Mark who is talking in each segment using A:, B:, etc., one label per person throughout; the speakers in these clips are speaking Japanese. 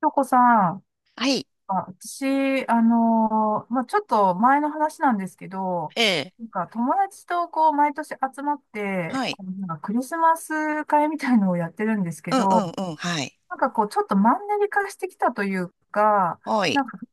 A: 京子さん、
B: はい。
A: あ、私、まあ、ちょっと前の話なんですけど、
B: ええ。
A: なんか友達とこう毎年集まって、
B: はい。
A: こうなんかクリスマス会みたいのをやってるんですけ
B: うんう
A: ど、
B: んうん。はい。
A: なんかこうちょっとマンネリ化してきたというか、
B: は
A: な
B: い。
A: んか普通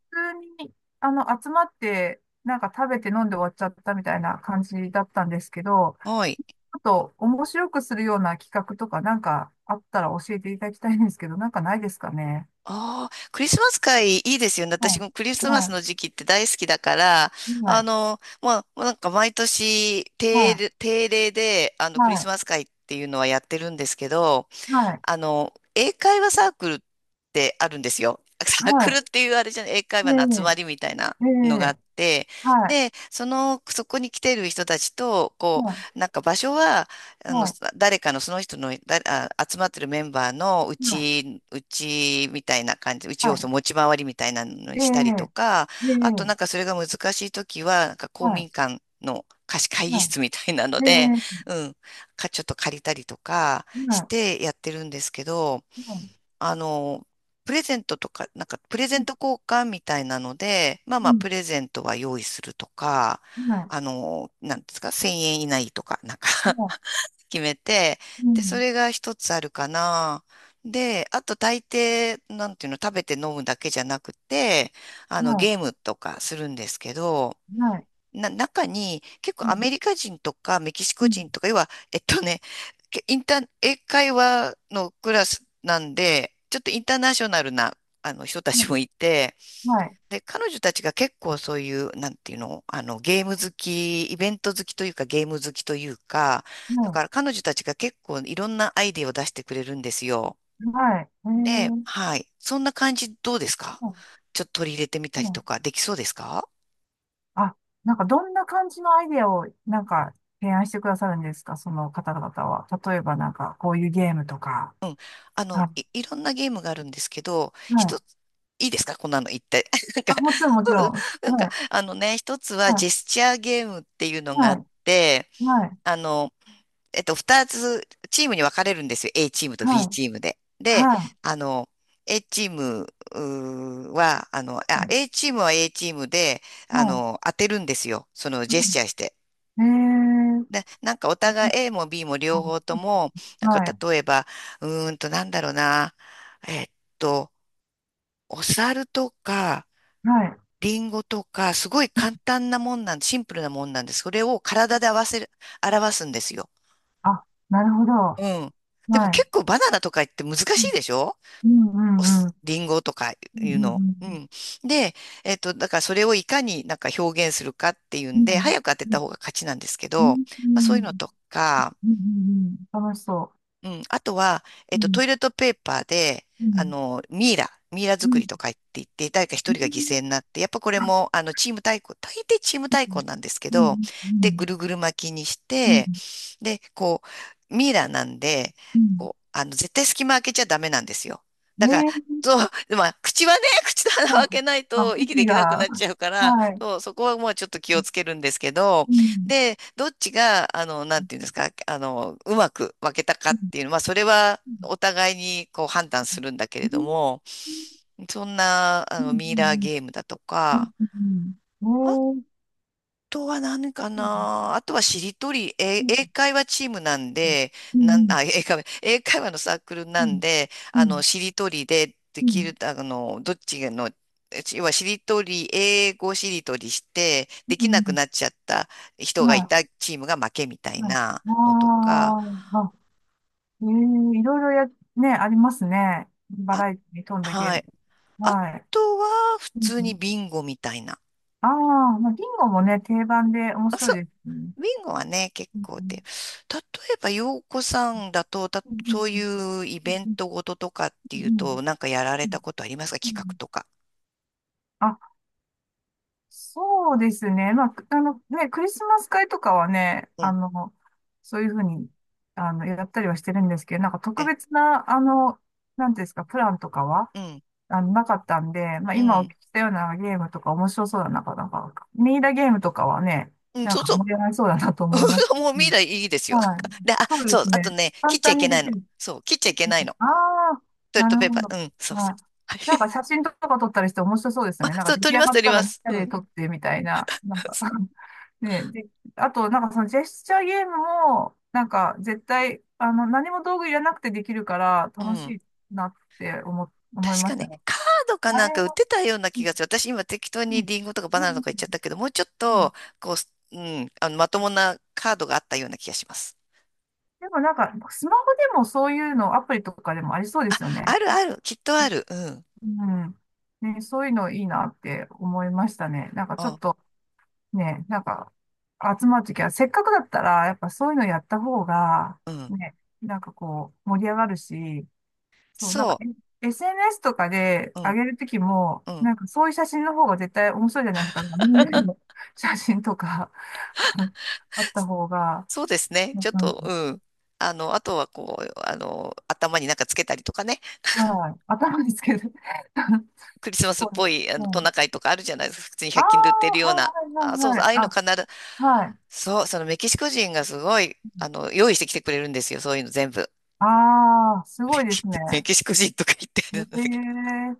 A: に集まって、なんか食べて飲んで終わっちゃったみたいな感じだったんですけど、
B: はい。
A: ちょっと面白くするような企画とかなんかあったら教えていただきたいんですけど、なんかないですかね。
B: ああ、クリスマス会いいですよね。私
A: は
B: もクリ
A: い。
B: スマス
A: は
B: の時期って大好きだから、
A: い。はい
B: まあ、なんか毎年
A: は
B: 定
A: い、
B: 例、定例で、
A: は
B: クリス
A: い、
B: マス会っていうのはやってるんですけど、
A: はい、
B: 英会話サークルってあるんですよ。
A: は
B: サークル
A: い、
B: っていうあれじゃない、英会話の集
A: え
B: まりみたいな
A: え、え
B: のがあ
A: え、
B: って、
A: はい、
B: で、そこに来ている人たちと、こ
A: はい、
B: う、なんか場所は、あの、
A: はい、
B: 誰かのその人の、集まってるメンバーのう
A: はい、
B: ち、うちみたいな感じ、うち
A: は
B: をそ
A: い、
B: の持ち回りみたいなのに
A: え
B: したりと
A: え、
B: か、
A: え
B: あと
A: え、
B: なんかそれが難しいときは、なんか公
A: はい、
B: 民館の貸し会議
A: は
B: 室みたいなの
A: い、え
B: で、
A: え、
B: うん、ちょっと借りたりとか、し
A: は
B: てやってるんですけど、
A: い、はい、
B: あの、プレゼントとか、なんかプレゼン
A: う
B: ト交換みたいなので、まあまあ
A: ん、
B: プレゼントは用意するとか、
A: うん、はい、
B: なんですか、1000円以内とか、なんか
A: は
B: 決めて、
A: い、う
B: で、そ
A: ん、
B: れが一つあるかな。で、あと大抵、なんていうの、食べて飲むだけじゃなくて、
A: は
B: ゲー
A: い、
B: ムとかするんですけど、
A: はい、
B: 中に結構
A: は
B: ア
A: い、
B: メリカ人とかメキシ
A: う
B: コ
A: ん、
B: 人とか、要は、けインター、英会話のクラスなんで、ちょっとインターナショナルな、あの人たちも
A: は
B: いて、
A: い、
B: で、彼女たちが結構そういう、なんていうの、ゲーム好き、イベント好きというか、ゲーム好きというか、だか
A: は
B: ら彼女たちが結構いろんなアイデアを出してくれるんですよ。
A: い、はい、ええ、
B: で、はい。そんな感じどうですか？
A: はい、
B: ちょっと取り入れてみ
A: は
B: たりと
A: い。
B: か、できそうですか？
A: あ、なんかどんな感じのアイデアをなんか提案してくださるんですか、その方々は。例えばなんかこういうゲームとか。は
B: いろんなゲームがあるんですけど、
A: い、は
B: 一
A: い、
B: つ、いいですかこんなの言って。なんか、
A: あ、もちろん、もちろん。
B: なん
A: は
B: か、
A: い、
B: あのね、一つ
A: は
B: はジェ
A: い、
B: スチャーゲームっていうのがあ
A: は
B: って、
A: い、
B: あの、二つチームに分かれるんですよ。A チームと
A: は
B: B
A: い、
B: チームで。で、
A: はい、
B: あの、
A: はい、
B: A チームは A チームで、
A: はい、
B: 当てるんですよ。そのジェスチャー
A: は
B: して。
A: い。えー、
B: で、なんかお互い A も B も両方とも、なんか
A: はい、
B: 例えば、なんだろうな、えっと、お猿とか、
A: はい、
B: リンゴとか、すごい
A: はい。
B: 簡単なもんなん、シンプルなもんなんです。それを体で合わせる、表すんですよ。
A: あ、なるほど。
B: う
A: は
B: ん。でも
A: い。
B: 結構バナナとか言って難
A: う
B: し
A: ん、
B: いでしょ？
A: うん、うん。
B: リンゴとかい
A: う
B: う
A: ん、う
B: の。う
A: ん、
B: ん。で、だからそれをいかになんか表現するかっていう
A: う
B: んで、
A: ん。
B: 早く当て
A: うん、
B: た方が勝ちなんですけ
A: う
B: ど、
A: ん、う
B: まあそういう
A: ん。
B: のとか、
A: うん、楽しそ
B: うん。あとは、
A: う。うん、
B: トイレットペーパーで、
A: うん、
B: ミイラ、ミイラ
A: う
B: 作
A: ん。
B: りとか言って、誰か一人が犠牲になって、やっぱこれ
A: あ、
B: も、チーム対抗、大抵チーム対抗なんですけ
A: う
B: ど、
A: ん、う
B: で、ぐ
A: ん、
B: るぐる巻きにして、
A: う
B: で、こう、ミイラなんで、
A: ん、
B: こう、絶対隙間開けちゃダメなんですよ。
A: う
B: だから、
A: ん。えー、
B: そう、でまあ、口はね、口と鼻を
A: は
B: 開け
A: い。
B: ない
A: あ、
B: と息で
A: 息
B: きなく
A: が、
B: なっちゃうから、
A: はい。
B: そう、そこはもうちょっと気をつけるんですけど、
A: うん、
B: で、どっちが、なんていうんですか、うまく分けたか
A: う
B: っ
A: ん、
B: ていうのは、それは
A: うん、
B: お互いにこう判断するんだけれ
A: う
B: ど
A: ん、
B: も、そんな、
A: う
B: ミイラー
A: ん、
B: ゲームだと
A: うん、
B: か、
A: うん、
B: あ
A: おー、
B: とは何か
A: そうで
B: な。あとはしりとり、英
A: す、
B: 会話チームなんで、
A: う
B: なん、
A: ん、
B: あ、英会話のサークル
A: う
B: なん
A: ん、
B: で、
A: うん、うん、
B: しりとりでで
A: う
B: き
A: ん、
B: る、どっちの、要はしりとり、英語しりとりして、
A: う
B: できなく
A: ん、
B: なっちゃった人がい
A: は
B: たチームが負けみたい
A: い、はい、
B: なのと
A: あ
B: か、
A: ー、あ、えーいろいろや、ね、ありますね。バ
B: あ、
A: ラエティに富んだゲー
B: は
A: ム。
B: い。あ
A: はい。
B: とは、普
A: う
B: 通に
A: ん、
B: ビンゴみたいな。
A: ああ、まあ、ビンゴもね、定番で面白いですね。
B: ウィンゴはね、結
A: うん、
B: 構
A: うん、
B: で、例えば、洋子さんだと、
A: うん、う
B: そう
A: ん、
B: いうイ
A: う
B: ベ
A: ん、
B: ン
A: うん、
B: トごととかってい
A: う
B: う
A: ん、
B: と、なんかやられ
A: う
B: た
A: ん、
B: ことありますか？
A: う
B: 企画
A: ん、
B: とか。
A: うん、そうですね。まあ、ね、クリスマス会とかはね、
B: うん。
A: そういうふうに、やったりはしてるんですけど、なんか特
B: え、
A: 別な、なんていうんですか、プランとかは、
B: うん、
A: なかったんで、まあ、
B: う
A: 今お聞
B: ん。
A: きしたようなゲームとか面白そうだな、なんか、ミイラゲームとかはね、
B: うん、
A: なん
B: そう
A: か
B: そう。
A: 盛り上がりそうだなと思います
B: もう未
A: し、
B: 来いいですよ。
A: はい。
B: で、あ、
A: そうで
B: そう、
A: す
B: あと
A: ね。
B: ね、切
A: 簡
B: っちゃ
A: 単
B: いけ
A: にで
B: ない
A: き
B: の。
A: る。
B: そう、切っちゃいけないの。
A: ああー、
B: トイレッ
A: な
B: ト
A: る
B: ペー
A: ほ
B: パ
A: ど。
B: ー。うん、そうそ
A: は
B: う。
A: い。
B: はい。
A: なんか 写真とか撮ったりして面白そうです
B: あ、
A: よね。なん
B: そ
A: か
B: う、
A: 出
B: 取
A: 来
B: り
A: 上
B: ます、
A: がっ
B: 取り
A: た
B: ま
A: らみん
B: す。
A: な
B: う
A: で
B: ん。
A: 撮ってみたいな。なんか ね、で、あと、なんかそのジェスチャーゲームも、なんか絶対、何も道具いらなくてできるから
B: う
A: 楽し
B: ん。
A: いなって思い
B: 確
A: ま
B: か
A: した
B: ね、
A: ね。
B: カードか
A: あ
B: なん
A: れ
B: か売っ
A: は、
B: てたような
A: う
B: 気
A: ん、
B: がする。私今適当
A: う
B: に
A: ん、
B: リンゴとかバナナ
A: う
B: と
A: ん、
B: か言っちゃったけど、もうちょっ
A: うん。
B: と、こう、すうん、まともなカードがあったような気がします。
A: でもなんか、スマホでもそういうの、アプリとかでもありそうですよね。
B: あるある、きっとある。うん。
A: うん。ね、そういうのいいなって思いましたね。なんかちょっ
B: あ、
A: と、ね、なんか、集まるときは、せっかくだったら、やっぱそういうのやった方が、
B: うん。
A: ね、なんかこう、盛り上がるし、そう、なんか、
B: そ
A: え、 SNS とかで
B: う。う
A: 上
B: ん。
A: げるときも、
B: うん。
A: なんかそういう写真の方が絶対面白いじゃないですか。みんなの写真とか あった方が、
B: そうですね。
A: なん
B: ちょっ
A: か、うん、
B: と、うん。あとはこう、頭になんかつけたりとかね。
A: はい、頭ですけど
B: クリ スマ
A: そ
B: スっ
A: う、
B: ぽい、
A: う
B: トナ
A: ん。
B: カイとかあるじゃないですか。普通に
A: ああ、
B: 100均で売ってるよ
A: は
B: うな。
A: いは
B: あ、そう
A: いはい
B: そ
A: は
B: う、あ
A: い。
B: あいうの
A: あ、
B: 必ず、
A: はい。
B: そう、そのメキシコ人がすごい、用意してきてくれるんですよ。そういうの全部。
A: ああ、す
B: メ
A: ごいで
B: キ、
A: す
B: メ
A: ね。
B: キシコ人とか言って
A: え
B: るんだけど。
A: え、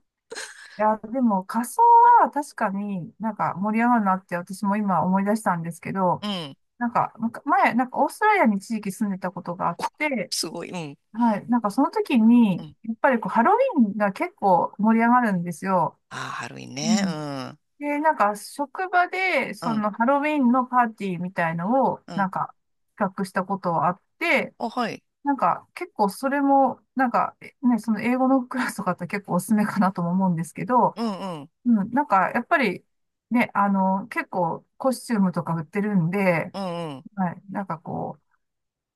A: いや、でも仮装は確かになんか盛り上がるなって私も今思い出したんですけど、
B: うん。
A: なんか前、なんかオーストラリアに一時期住んでたことがあって、
B: すごい。うん。
A: はい、なんかその時
B: う
A: に、
B: ん。
A: やっぱりこうハロウィーンが結構盛り上がるんですよ。
B: ああ、ハロウィン
A: う
B: ね。う
A: ん。
B: ん。
A: で、なんか職場で
B: う
A: そ
B: ん。
A: のハロウィーンのパーティーみたいのを
B: う
A: な
B: ん。
A: んか企画したことはあって、
B: あ、はい。
A: なんか結構それもなんか、ね、その英語のクラスとかって結構おすすめかなとも思うんですけど、
B: うん、うん。
A: うん、なんか、やっぱり、ね、結構コスチュームとか売ってるんで、
B: うん、うん。
A: はい、なんかこう、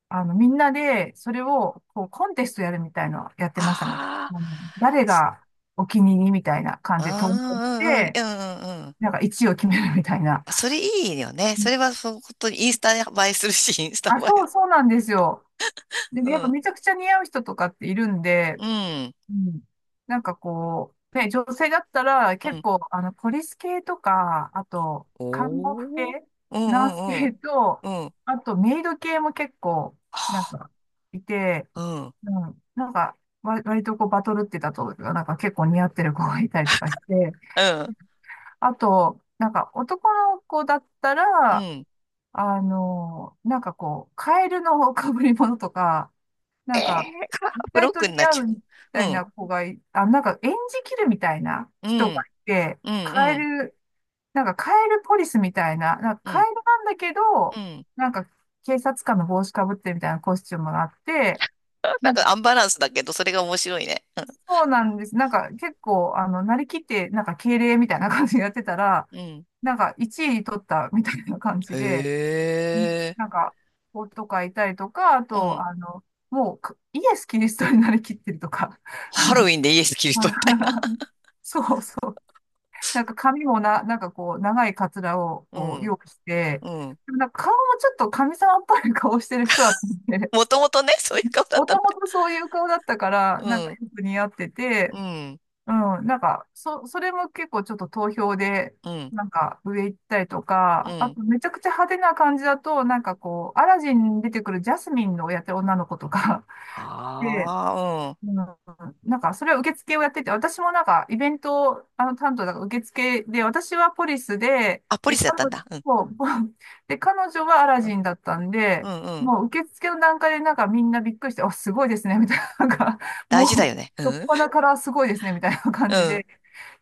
A: みんなで、それを、こう、コンテストやるみたいのやってましたね。
B: ああ。
A: うん、誰
B: す
A: がお気に入りみたいな感じで投票し
B: ああ、うん、うん。い
A: て、
B: やうん、うん。うん
A: なんか1位を決めるみたいな。
B: あそれいいよね。
A: う
B: そ
A: ん、
B: れは、本当にインスタ映えするし、インスタ
A: あ、
B: 映
A: そ
B: え。
A: う、そうなんですよ。で、
B: う
A: やっぱ
B: ん。
A: めちゃくちゃ似合う人とかっているんで、
B: うん。
A: うん。なんかこう、ね、女性だったら
B: う
A: 結
B: ん。
A: 構、ポリス系とか、あと、
B: お
A: 看護婦
B: お。
A: 系、
B: うん、
A: ナース
B: うん、
A: 系と、
B: うん。うん。
A: あと、メイド系も結構、
B: は
A: なんか、いて、
B: あうん。
A: うん。なんか、割とこう、バトルってたと、なんか結構似合ってる子がいたりとかして、
B: うん。
A: あと、なんか、男の子だった
B: う
A: ら、
B: ん。
A: なんかこう、カエルの被り物とか、な
B: え
A: ん
B: え
A: か、
B: ー、
A: 意
B: ブロ
A: 外
B: ッ
A: と
B: クに
A: 似
B: なっ
A: 合
B: ちゃ
A: う
B: う。
A: みた
B: う
A: い
B: ん。
A: な子がい、あ、なんか演じきるみたいな
B: う
A: 人が
B: ん。
A: いて、
B: うん。う
A: カエ
B: ん。
A: ル、なんかカエルポリスみたいな、なんか
B: う
A: カ
B: ん。
A: エルなんだけ
B: う
A: ど、
B: ん。
A: なんか警察官の帽子かぶってみたいなコスチュームがあって、
B: な
A: な
B: ん
A: んか、
B: かアンバランスだけど、それが面白いね。
A: そうなんです。なんか結構、なりきって、なんか敬礼みたいな感じでやってたら、
B: うん。
A: なんか1位取ったみたいな感じで、
B: へ
A: うん、
B: え。
A: なんか、子とかいたりとか、あ
B: う
A: と、
B: ん。
A: もうかイエス・キリストになりきってるとか。
B: ハロウ ィンでイエス・キリストみたい
A: はい そうそう。なんか髪もな、なんかこう、長いカツラを
B: な。う
A: こう
B: ん。
A: 用意して、
B: うん。
A: でもなんか顔もちょっと神様っぽい顔してる人だったんで、
B: もともとね、そういう 顔だっ
A: も
B: たの
A: ともとそういう顔だったから、なんか
B: ね。
A: よく似合って
B: う
A: て、
B: ん。うん。
A: うん、なんか、それも結構ちょっと投票で、
B: うん。
A: なんか上行ったりと
B: う
A: か、あ
B: ん。
A: とめちゃくちゃ派手な感じだと、なんかこう、アラジンに出てくるジャスミンのやってる女の子とか で、
B: ああ、うん。
A: うん、なんか、それは受付をやってて、私もなんか、イベント、担当だから受付で、私はポリスで、
B: あ、ポリ
A: で、
B: スだっ
A: 彼
B: たん
A: 女、
B: だ。うん。
A: そう で、彼女はアラ
B: うん。
A: ジンだったん
B: う
A: で、
B: ん。うん
A: もう受付の段階でなんかみんなびっくりして、あ、すごいですね、みたいな、なんか、
B: 大
A: も
B: 事だ
A: う、
B: よね。う
A: どっ
B: ん。
A: ぱなからすごいですね、みたいな感
B: う
A: じ
B: ん。
A: で、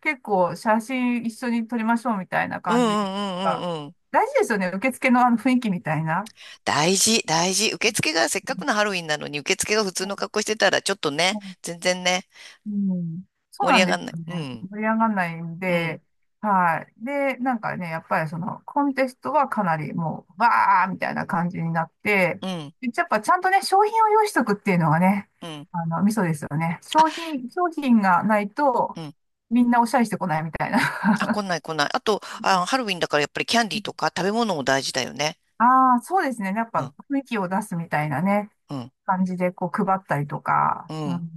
A: 結構写真一緒に撮りましょう、みたいな
B: うんう
A: 感
B: ん
A: じで。
B: うんうんうん。
A: 大事ですよね、受付のあの雰囲気みたいな。
B: 大事、大事。受付がせっかくのハロウィンなのに、受付が普通の格好してたら、ちょっとね、全然ね、
A: うん、そう
B: 盛り
A: なん
B: 上
A: で
B: が
A: す
B: んない。
A: よ
B: う
A: ね。
B: ん。
A: 盛り上がらないん
B: うん。
A: で、はい。で、なんかね、やっぱりそのコンテストはかなりもう、わーみたいな感じになって、
B: うん。
A: でやっぱちゃんとね、商品を用意しとくっていうのがね、
B: うん。
A: ミソですよね。商品がないと、
B: うん。
A: みんなおしゃれしてこないみたい
B: あ、来
A: な。
B: ない来ない。あと、あ、ハロ ウィンだからやっぱりキャンディーとか食べ物も大事だよね。
A: ああー、そうですね。やっ
B: うん、
A: ぱ雰囲気を出すみたいなね、
B: うん、
A: 感じでこう配ったりとか、
B: う
A: う
B: ん。
A: ん、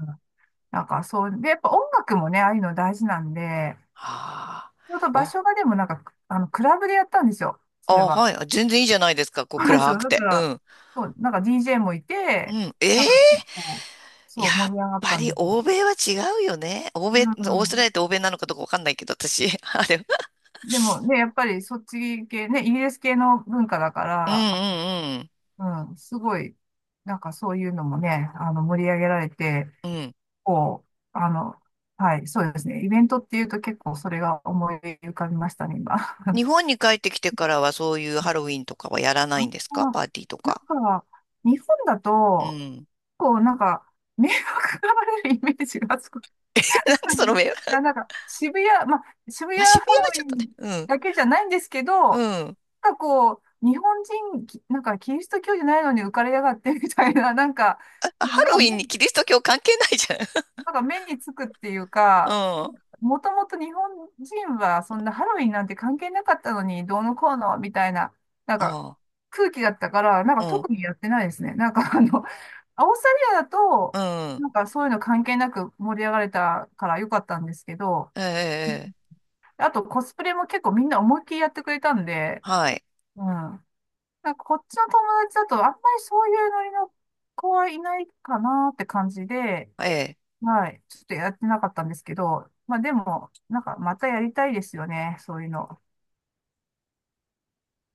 A: なんかそう、で、やっぱ音楽もね、ああいうの大事なんで、
B: あ
A: ちょうど
B: あ、
A: 場
B: お、
A: 所がでもなんか、クラブでやったんですよ。それ
B: あ、
A: は。
B: はい。あ全然いいじゃないですか。こう
A: そうなんです
B: 暗
A: よ
B: く
A: だか
B: て。う
A: ら、
B: ん。
A: そう、なんか DJ もいて、
B: うん。
A: なん
B: え
A: か
B: え
A: 結構、
B: や
A: そう、
B: っ
A: 盛り上がっ
B: ぱ
A: たん
B: り
A: ですよ。
B: 欧米は違うよね。欧
A: う
B: 米、オーストラリ
A: ん。
B: アって欧米なのかどうかわかんないけど、私。あれ。
A: でもね、やっぱりそっち系ね、イギリス系の文化だか
B: う
A: ら、
B: んうん
A: うん、すごい、なんかそういうのもね、盛り上げられて、
B: うん。うん。
A: こう、はい、そうですね。イベントっていうと結構それが思い浮かびましたね、今。あ、
B: 日本に帰ってきてからはそういうハロウィンとかはやらないんですかパーティーと
A: な
B: か？
A: んか、日本だ
B: う
A: と、
B: ん。
A: なんか、迷惑がられるイメージがすごく
B: なんで
A: あ
B: その
A: る。
B: 目は、
A: なんか、渋谷、まあ、渋谷
B: まあ、
A: ハ
B: 渋谷
A: ロ
B: は
A: ウ
B: ちょ
A: ィ
B: っとね。
A: ン
B: うん。
A: だけじゃないんですけど、
B: うん。
A: なんかこう、日本人、なんかキリスト教じゃないのに浮かれやがってみたいな、なんか、の
B: ハ
A: が
B: ロウィン
A: 目
B: に
A: に、
B: キリスト教関係ないじゃん。
A: なんか目につくっていう
B: う
A: か、
B: ん。
A: もともと日本人はそんなハロウィンなんて関係なかったのに、どうのこうのみたいな、なん
B: あ
A: か
B: あ、
A: 空気だったから、なんか
B: う
A: 特にやってないですね。なんかオーストラリアだと、
B: ん、うん。
A: なんかそういうの関係なく盛り上がれたから良かったんですけど、
B: え
A: うん、
B: え、ええ
A: あとコスプレも結構みんな思いっきりやってくれたんで、
B: はい。
A: うん。なんかこっちの友達だとあんまりそういうノリの子はいないかなって感じで、
B: ええ。
A: はい。ちょっとやってなかったんですけど、まあでも、なんかまたやりたいですよね、そういうの。